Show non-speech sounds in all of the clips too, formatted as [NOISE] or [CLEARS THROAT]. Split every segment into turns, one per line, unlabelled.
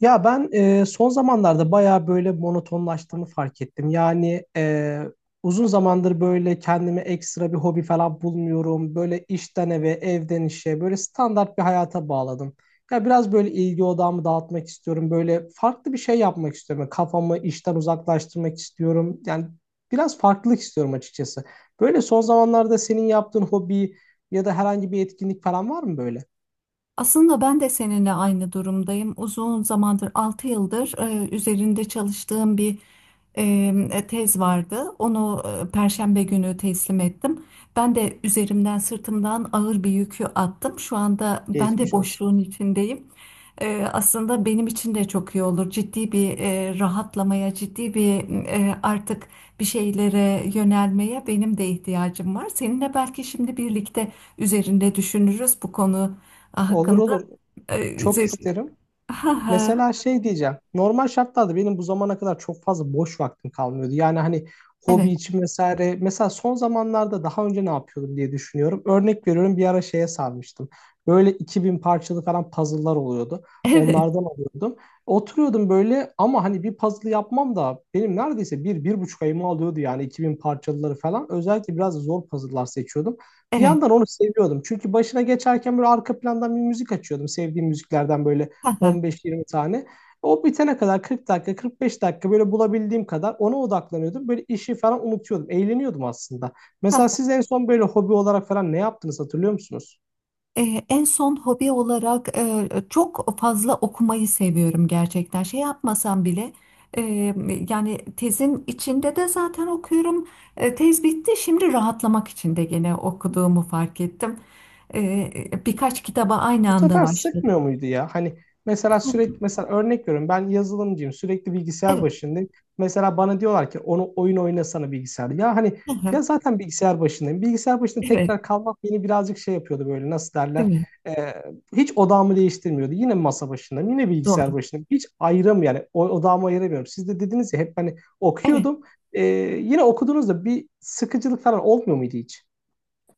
Ya ben son zamanlarda bayağı böyle monotonlaştığımı fark ettim. Yani uzun zamandır böyle kendime ekstra bir hobi falan bulmuyorum. Böyle işten eve, evden işe, böyle standart bir hayata bağladım. Ya biraz böyle ilgi odağımı dağıtmak istiyorum. Böyle farklı bir şey yapmak istiyorum. Yani kafamı işten uzaklaştırmak istiyorum. Yani biraz farklılık istiyorum açıkçası. Böyle son zamanlarda senin yaptığın hobi ya da herhangi bir etkinlik falan var mı böyle?
Aslında ben de seninle aynı durumdayım. Uzun zamandır, 6 yıldır üzerinde çalıştığım bir e, tez vardı. Onu Perşembe günü teslim ettim. Ben de üzerimden, sırtımdan ağır bir yükü attım. Şu anda ben de
Geçmiş olsun.
boşluğun içindeyim. Aslında benim için de çok iyi olur. Ciddi bir rahatlamaya, ciddi bir artık bir şeylere yönelmeye benim de ihtiyacım var. Seninle belki şimdi birlikte üzerinde düşünürüz bu konu
Olur
hakkında.
olur.
e,
Çok
zö-
isterim.
ha ha,
Mesela şey diyeceğim. Normal şartlarda benim bu zamana kadar çok fazla boş vaktim kalmıyordu. Yani hani hobi
evet,
için vesaire. Mesela son zamanlarda daha önce ne yapıyordum diye düşünüyorum. Örnek veriyorum bir ara şeye sarmıştım. Böyle 2000 parçalı falan puzzle'lar oluyordu.
evet,
Onlardan alıyordum. Oturuyordum böyle ama hani bir puzzle yapmam da benim neredeyse bir, bir buçuk ayımı alıyordu yani 2000 parçalıları falan. Özellikle biraz zor puzzle'lar seçiyordum. Bir
evet,
yandan onu seviyordum. Çünkü başına geçerken böyle arka plandan bir müzik açıyordum. Sevdiğim müziklerden böyle
ha ha
15-20 tane. O bitene kadar 40 dakika, 45 dakika böyle bulabildiğim kadar ona odaklanıyordum. Böyle işi falan unutuyordum. Eğleniyordum aslında. Mesela
ha.
siz en son böyle hobi olarak falan ne yaptınız hatırlıyor musunuz?
E, En son hobi olarak çok fazla okumayı seviyorum gerçekten, şey yapmasam bile. e, Yani tezin içinde de zaten okuyorum. Tez bitti, şimdi rahatlamak için de gene okuduğumu fark ettim. Birkaç kitaba aynı
Bu
anda
sefer
başladım.
sıkmıyor muydu ya? Hani mesela sürekli mesela örnek veriyorum ben yazılımcıyım sürekli bilgisayar
Evet,
başındayım. Mesela bana diyorlar ki onu oyun oynasana bilgisayarda. Ya hani
ha ha,
ya zaten bilgisayar başındayım. Bilgisayar başında
evet,
tekrar kalmak beni birazcık şey yapıyordu böyle nasıl
değil
derler.
mi,
Ee, Hiç odağımı değiştirmiyordu. Yine masa başındayım yine
doğru.
bilgisayar başındayım. Hiç ayrım yani odağımı ayıramıyorum. Siz de dediniz ya hep hani
Evet.
okuyordum. Ee, Yine okuduğunuzda bir sıkıcılık falan olmuyor muydu hiç?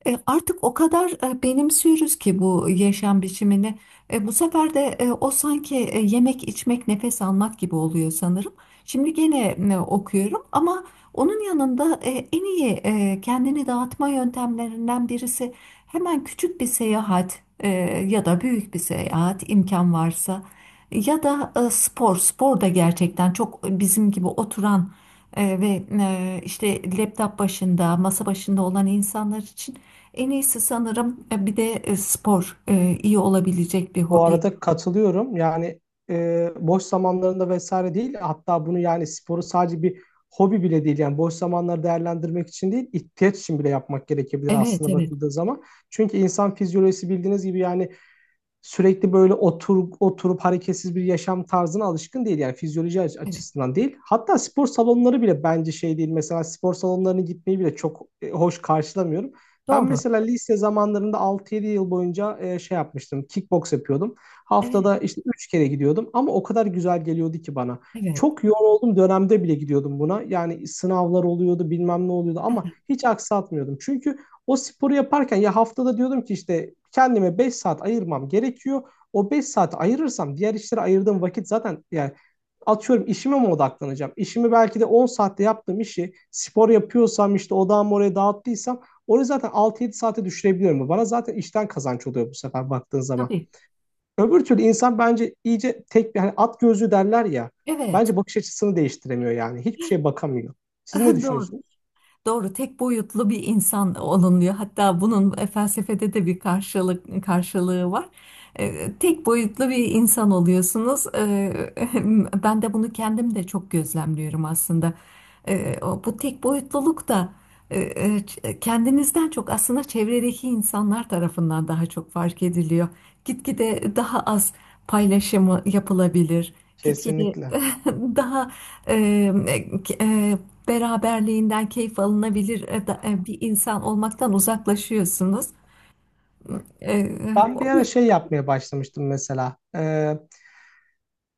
Artık o kadar benimsiyoruz ki bu yaşam biçimini. Bu sefer de o sanki yemek, içmek, nefes almak gibi oluyor sanırım. Şimdi gene okuyorum ama onun yanında en iyi kendini dağıtma yöntemlerinden birisi hemen küçük bir seyahat, ya da büyük bir seyahat imkan varsa, ya da spor. Spor da gerçekten çok bizim gibi oturan, ve işte laptop başında, masa başında olan insanlar için en iyisi sanırım. Bir de spor iyi olabilecek bir
Bu
hobi.
arada katılıyorum. Yani boş zamanlarında vesaire değil. Hatta bunu yani sporu sadece bir hobi bile değil. Yani boş zamanları değerlendirmek için değil, ihtiyaç için bile yapmak gerekebilir
Evet,
aslında
evet,
bakıldığı zaman. Çünkü insan fizyolojisi bildiğiniz gibi yani sürekli böyle otur, oturup hareketsiz bir yaşam tarzına alışkın değil. Yani fizyoloji
evet.
açısından değil. Hatta spor salonları bile bence şey değil. Mesela spor salonlarına gitmeyi bile çok hoş karşılamıyorum. Ben
Doğru.
mesela lise zamanlarında 6-7 yıl boyunca şey yapmıştım. Kickbox yapıyordum.
Evet,
Haftada işte 3 kere gidiyordum ama o kadar güzel geliyordu ki bana.
evet.
Çok yoğun olduğum dönemde bile gidiyordum buna. Yani sınavlar oluyordu, bilmem ne oluyordu ama hiç aksatmıyordum. Çünkü o sporu yaparken ya haftada diyordum ki işte kendime 5 saat ayırmam gerekiyor. O 5 saat ayırırsam diğer işlere ayırdığım vakit zaten yani atıyorum işime mi odaklanacağım? İşimi belki de 10 saatte yaptığım işi spor yapıyorsam işte odağımı oraya dağıttıysam orayı zaten 6-7 saate düşürebiliyorum. Bana zaten işten kazanç oluyor bu sefer baktığın zaman.
Tabii.
Öbür türlü insan bence iyice tek bir hani at gözlü derler ya.
Evet.
Bence bakış açısını değiştiremiyor yani. Hiçbir şeye bakamıyor. Siz ne
[LAUGHS] Doğru.
düşünüyorsunuz?
Doğru, tek boyutlu bir insan olunuyor. Hatta bunun felsefede de bir karşılık, karşılığı var. Tek boyutlu bir insan oluyorsunuz. [LAUGHS] Ben de bunu kendim de çok gözlemliyorum aslında. Bu tek boyutluluk da kendinizden çok aslında çevredeki insanlar tarafından daha çok fark ediliyor. Gitgide daha az paylaşımı yapılabilir. Gitgide
Kesinlikle.
[LAUGHS] daha e, e, e, beraberliğinden keyif alınabilir, bir insan olmaktan uzaklaşıyorsunuz. E,
Ben bir ara
o-
şey yapmaya başlamıştım mesela.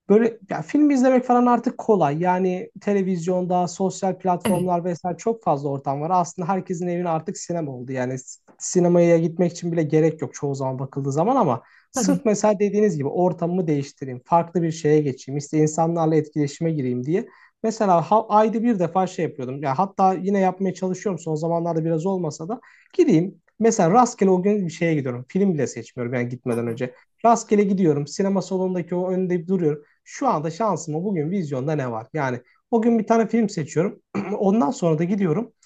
Böyle ya film izlemek falan artık kolay. Yani televizyonda, sosyal
evet,
platformlar vesaire çok fazla ortam var. Aslında herkesin evine artık sinema oldu. Yani sinemaya gitmek için bile gerek yok çoğu zaman bakıldığı zaman ama
tabii.
sırf mesela dediğiniz gibi ortamımı değiştireyim, farklı bir şeye geçeyim, işte insanlarla etkileşime gireyim diye. Mesela ayda bir defa şey yapıyordum. Ya hatta yine yapmaya çalışıyorum son zamanlarda biraz olmasa da gireyim. Mesela rastgele o gün bir şeye gidiyorum. Film bile seçmiyorum yani gitmeden
Aha,
önce. Rastgele gidiyorum. Sinema salonundaki o önünde duruyorum şu anda şansıma bugün vizyonda ne var? Yani o gün bir tane film seçiyorum. [CLEARS THROAT] [LAUGHS] Ondan sonra da gidiyorum. [CLEARS THROAT]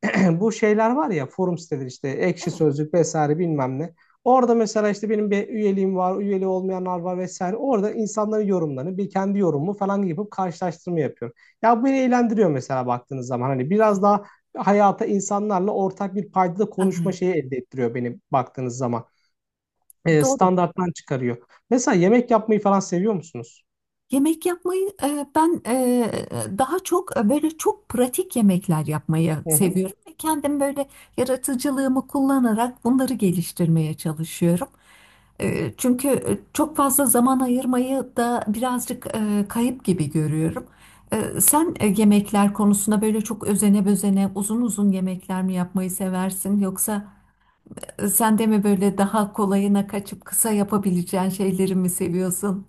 [LAUGHS] Bu şeyler var ya forum siteleri işte Ekşi
evet,
Sözlük vesaire bilmem ne. Orada mesela işte benim bir üyeliğim var, üyeli olmayanlar var vesaire. Orada insanların yorumlarını, bir kendi yorumumu falan yapıp karşılaştırma yapıyorum. Ya bu beni eğlendiriyor mesela baktığınız zaman. Hani biraz
evet.
daha hayata insanlarla ortak bir paydada konuşma
Aha,
şeyi elde ettiriyor beni baktığınız zaman. E,
doğru.
standarttan çıkarıyor. Mesela yemek yapmayı falan seviyor musunuz?
Yemek yapmayı, ben daha çok böyle çok pratik yemekler yapmayı
Hı hı.
seviyorum. Kendim böyle yaratıcılığımı kullanarak bunları geliştirmeye çalışıyorum. Çünkü çok fazla zaman ayırmayı da birazcık kayıp gibi görüyorum. Sen yemekler konusunda böyle çok özene bezene uzun uzun yemekler mi yapmayı seversin, yoksa sen de mi böyle daha kolayına kaçıp kısa yapabileceğin şeyleri mi seviyorsun?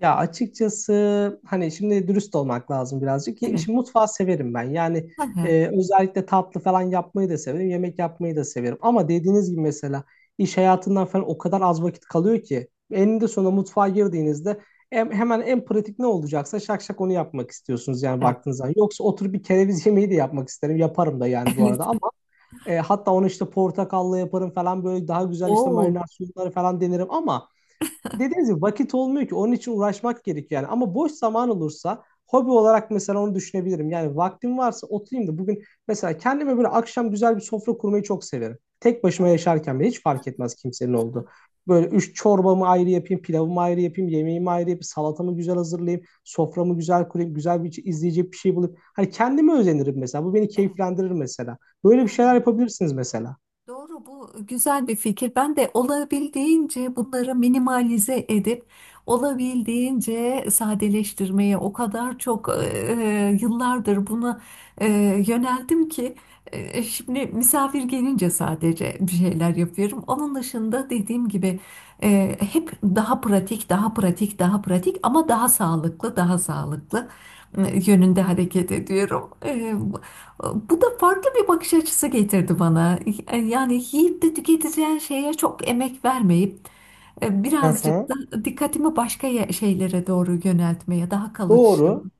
Ya açıkçası hani şimdi dürüst olmak lazım birazcık.
Evet.
Şimdi mutfağı severim ben. Yani
Evet.
e, özellikle tatlı falan yapmayı da severim. Yemek yapmayı da severim. Ama dediğiniz gibi mesela iş hayatından falan o kadar az vakit kalıyor ki. Eninde sonunda mutfağa girdiğinizde hemen en pratik ne olacaksa şak şak onu yapmak istiyorsunuz yani
Evet.
baktığınız zaman. Yoksa oturup bir kereviz yemeği de yapmak isterim. Yaparım da yani
[LAUGHS]
bu arada
Evet.
ama hatta onu işte portakalla yaparım falan böyle daha güzel işte
Oo.
marinar suyunları falan denerim ama dediğiniz gibi vakit olmuyor ki onun için uğraşmak gerekiyor yani. Ama boş zaman olursa hobi olarak mesela onu düşünebilirim. Yani vaktim varsa oturayım da bugün mesela kendime böyle akşam güzel bir sofra kurmayı çok severim. Tek başıma
Oo.
yaşarken bile hiç
Hı
fark etmez kimsenin
hı
olduğu.
hı.
Böyle 3 çorbamı ayrı yapayım, pilavımı ayrı yapayım, yemeğimi ayrı yapayım, salatamı güzel hazırlayayım, soframı güzel kurayım, güzel bir izleyecek bir şey bulup. Hani kendime özenirim mesela. Bu beni keyiflendirir mesela. Böyle bir şeyler
Evet.
yapabilirsiniz mesela.
Doğru, bu güzel bir fikir. Ben de olabildiğince bunları minimalize edip olabildiğince sadeleştirmeye o kadar çok, yıllardır buna e, yöneldim ki şimdi misafir gelince sadece bir şeyler yapıyorum. Onun dışında, dediğim gibi, hep daha pratik, daha pratik, daha pratik ama daha sağlıklı, daha sağlıklı e, yönünde hareket ediyorum. Bu da farklı bir bakış açısı getirdi bana. Yani yiyip de tüketeceğin şeye çok emek vermeyip,
Hı
birazcık
hı.
da dikkatimi başka şeylere doğru yöneltmeye, daha kalıcı şey.
Doğru.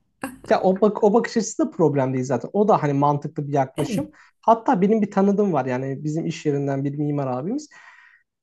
Ya o, bak o bakış açısı da problem değil zaten. O da hani mantıklı bir
Evet,
yaklaşım. Hatta benim bir tanıdığım var yani bizim iş yerinden bir mimar abimiz.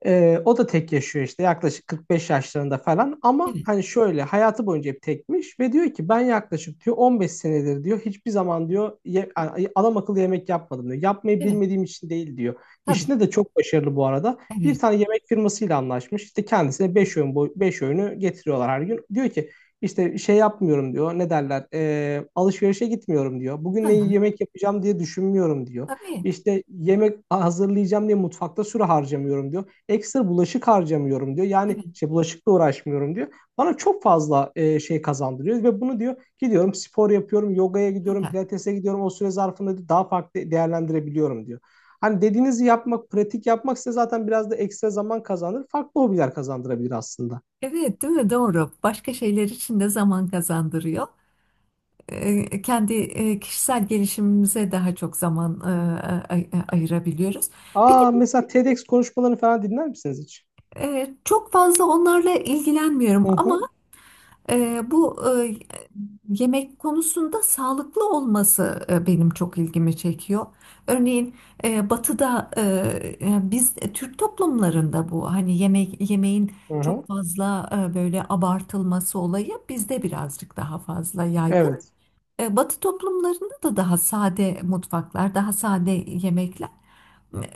O da tek yaşıyor işte yaklaşık 45 yaşlarında falan ama
evet,
hani şöyle hayatı boyunca hep tekmiş ve diyor ki ben yaklaşık diyor 15 senedir diyor hiçbir zaman diyor adam akıllı yemek yapmadım diyor. Yapmayı
evet,
bilmediğim için değil diyor.
tabii,
İşinde de çok başarılı bu arada. Bir
evet.
tane yemek firmasıyla anlaşmış. İşte kendisine 5 öğün boy 5 öğünü getiriyorlar her gün. Diyor ki işte şey yapmıyorum diyor. Ne derler? Alışverişe gitmiyorum diyor. Bugün ne
Ha,
yemek yapacağım diye düşünmüyorum diyor.
tabii,
İşte yemek hazırlayacağım diye mutfakta süre harcamıyorum diyor. Ekstra bulaşık harcamıyorum diyor. Yani
evet,
şey bulaşıkla uğraşmıyorum diyor. Bana çok fazla şey kazandırıyor ve bunu diyor gidiyorum spor yapıyorum, yogaya gidiyorum,
ha.
pilatese gidiyorum. O süre zarfında diyor, daha farklı değerlendirebiliyorum diyor. Hani dediğinizi yapmak, pratik yapmak size zaten biraz da ekstra zaman kazandırır. Farklı hobiler kazandırabilir aslında.
Evet, değil mi? Doğru. Başka şeyler için de zaman kazandırıyor. Kendi kişisel gelişimimize daha çok zaman ayırabiliyoruz. Bir
Aa
de
mesela TEDx konuşmalarını falan dinler misiniz hiç?
çok fazla onlarla ilgilenmiyorum
Hı
ama,
hı,
Bu yemek konusunda sağlıklı olması benim çok ilgimi çekiyor. Örneğin Batı'da, biz Türk toplumlarında bu, hani, yemek yemeğin
hı
çok
hı,
fazla böyle abartılması olayı bizde birazcık daha fazla yaygın.
evet.
Batı toplumlarında da daha sade mutfaklar, daha sade yemekler.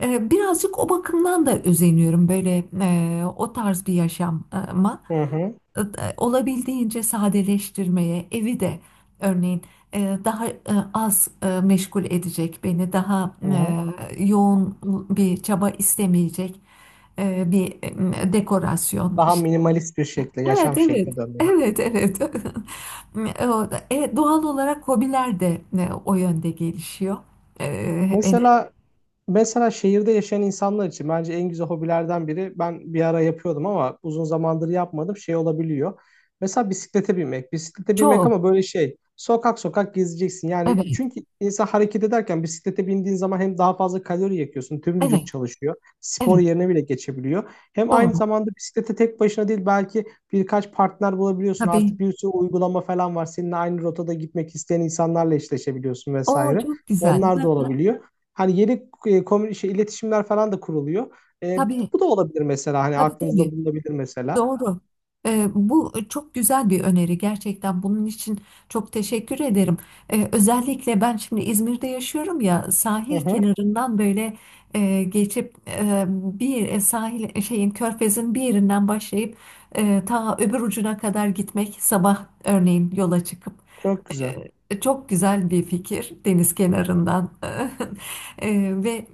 Birazcık o bakımdan da özeniyorum böyle, o tarz bir yaşama,
Hı hı,
e, olabildiğince sadeleştirmeye, evi de örneğin daha az meşgul edecek beni, daha
hı hı.
yoğun bir çaba istemeyecek bir dekorasyon,
Daha
işte.
minimalist bir şekilde,
Evet,
yaşam
evet.
şekline dönmeyi.
Evet, evet. [LAUGHS] Doğal olarak hobiler de o yönde gelişiyor. E, en-
Mesela mesela şehirde yaşayan insanlar için bence en güzel hobilerden biri ben bir ara yapıyordum ama uzun zamandır yapmadım şey olabiliyor. Mesela bisiklete binmek. Bisiklete binmek
Çok.
ama böyle şey sokak sokak gezeceksin. Yani
Evet,
çünkü insan hareket ederken bisiklete bindiğin zaman hem daha fazla kalori yakıyorsun. Tüm
evet,
vücut çalışıyor. Spor
evet.
yerine bile geçebiliyor. Hem aynı
Doğru.
zamanda bisiklete tek başına değil belki birkaç partner bulabiliyorsun. Artık
Tabii.
bir sürü uygulama falan var. Seninle aynı rotada gitmek isteyen insanlarla eşleşebiliyorsun
O
vesaire.
çok güzel.
Onlar da
Ha,
olabiliyor. Hani yeni şey, iletişimler falan da kuruluyor. E, bu,
tabii,
bu da olabilir mesela. Hani
tabii,
aklınızda
tabii.
bulunabilir mesela.
Doğru. Bu çok güzel bir öneri gerçekten. Bunun için çok teşekkür ederim. Özellikle ben şimdi İzmir'de yaşıyorum ya,
Hı
sahil
hı.
kenarından böyle geçip, bir sahil şeyin, körfezin bir yerinden başlayıp ta öbür ucuna kadar gitmek, sabah örneğin yola çıkıp,
Çok güzel.
çok güzel bir fikir, deniz kenarından. [LAUGHS] Ve e,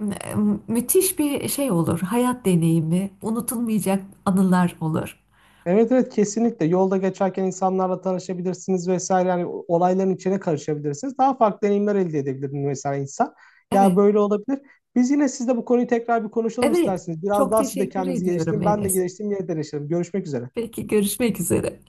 müthiş bir şey olur. Hayat deneyimi, unutulmayacak anılar olur.
Evet evet kesinlikle. Yolda geçerken insanlarla tanışabilirsiniz vesaire. Yani olayların içine karışabilirsiniz. Daha farklı deneyimler elde edebilir mesela insan. Ya
Evet,
böyle olabilir. Biz yine sizle bu konuyu tekrar bir konuşalım
evet.
isterseniz. Biraz
Çok
daha siz de
teşekkür
kendinizi
ediyorum,
geliştirin. Ben de
Enes.
geliştireyim, yeniden deneşelim. Görüşmek üzere.
Peki, görüşmek üzere.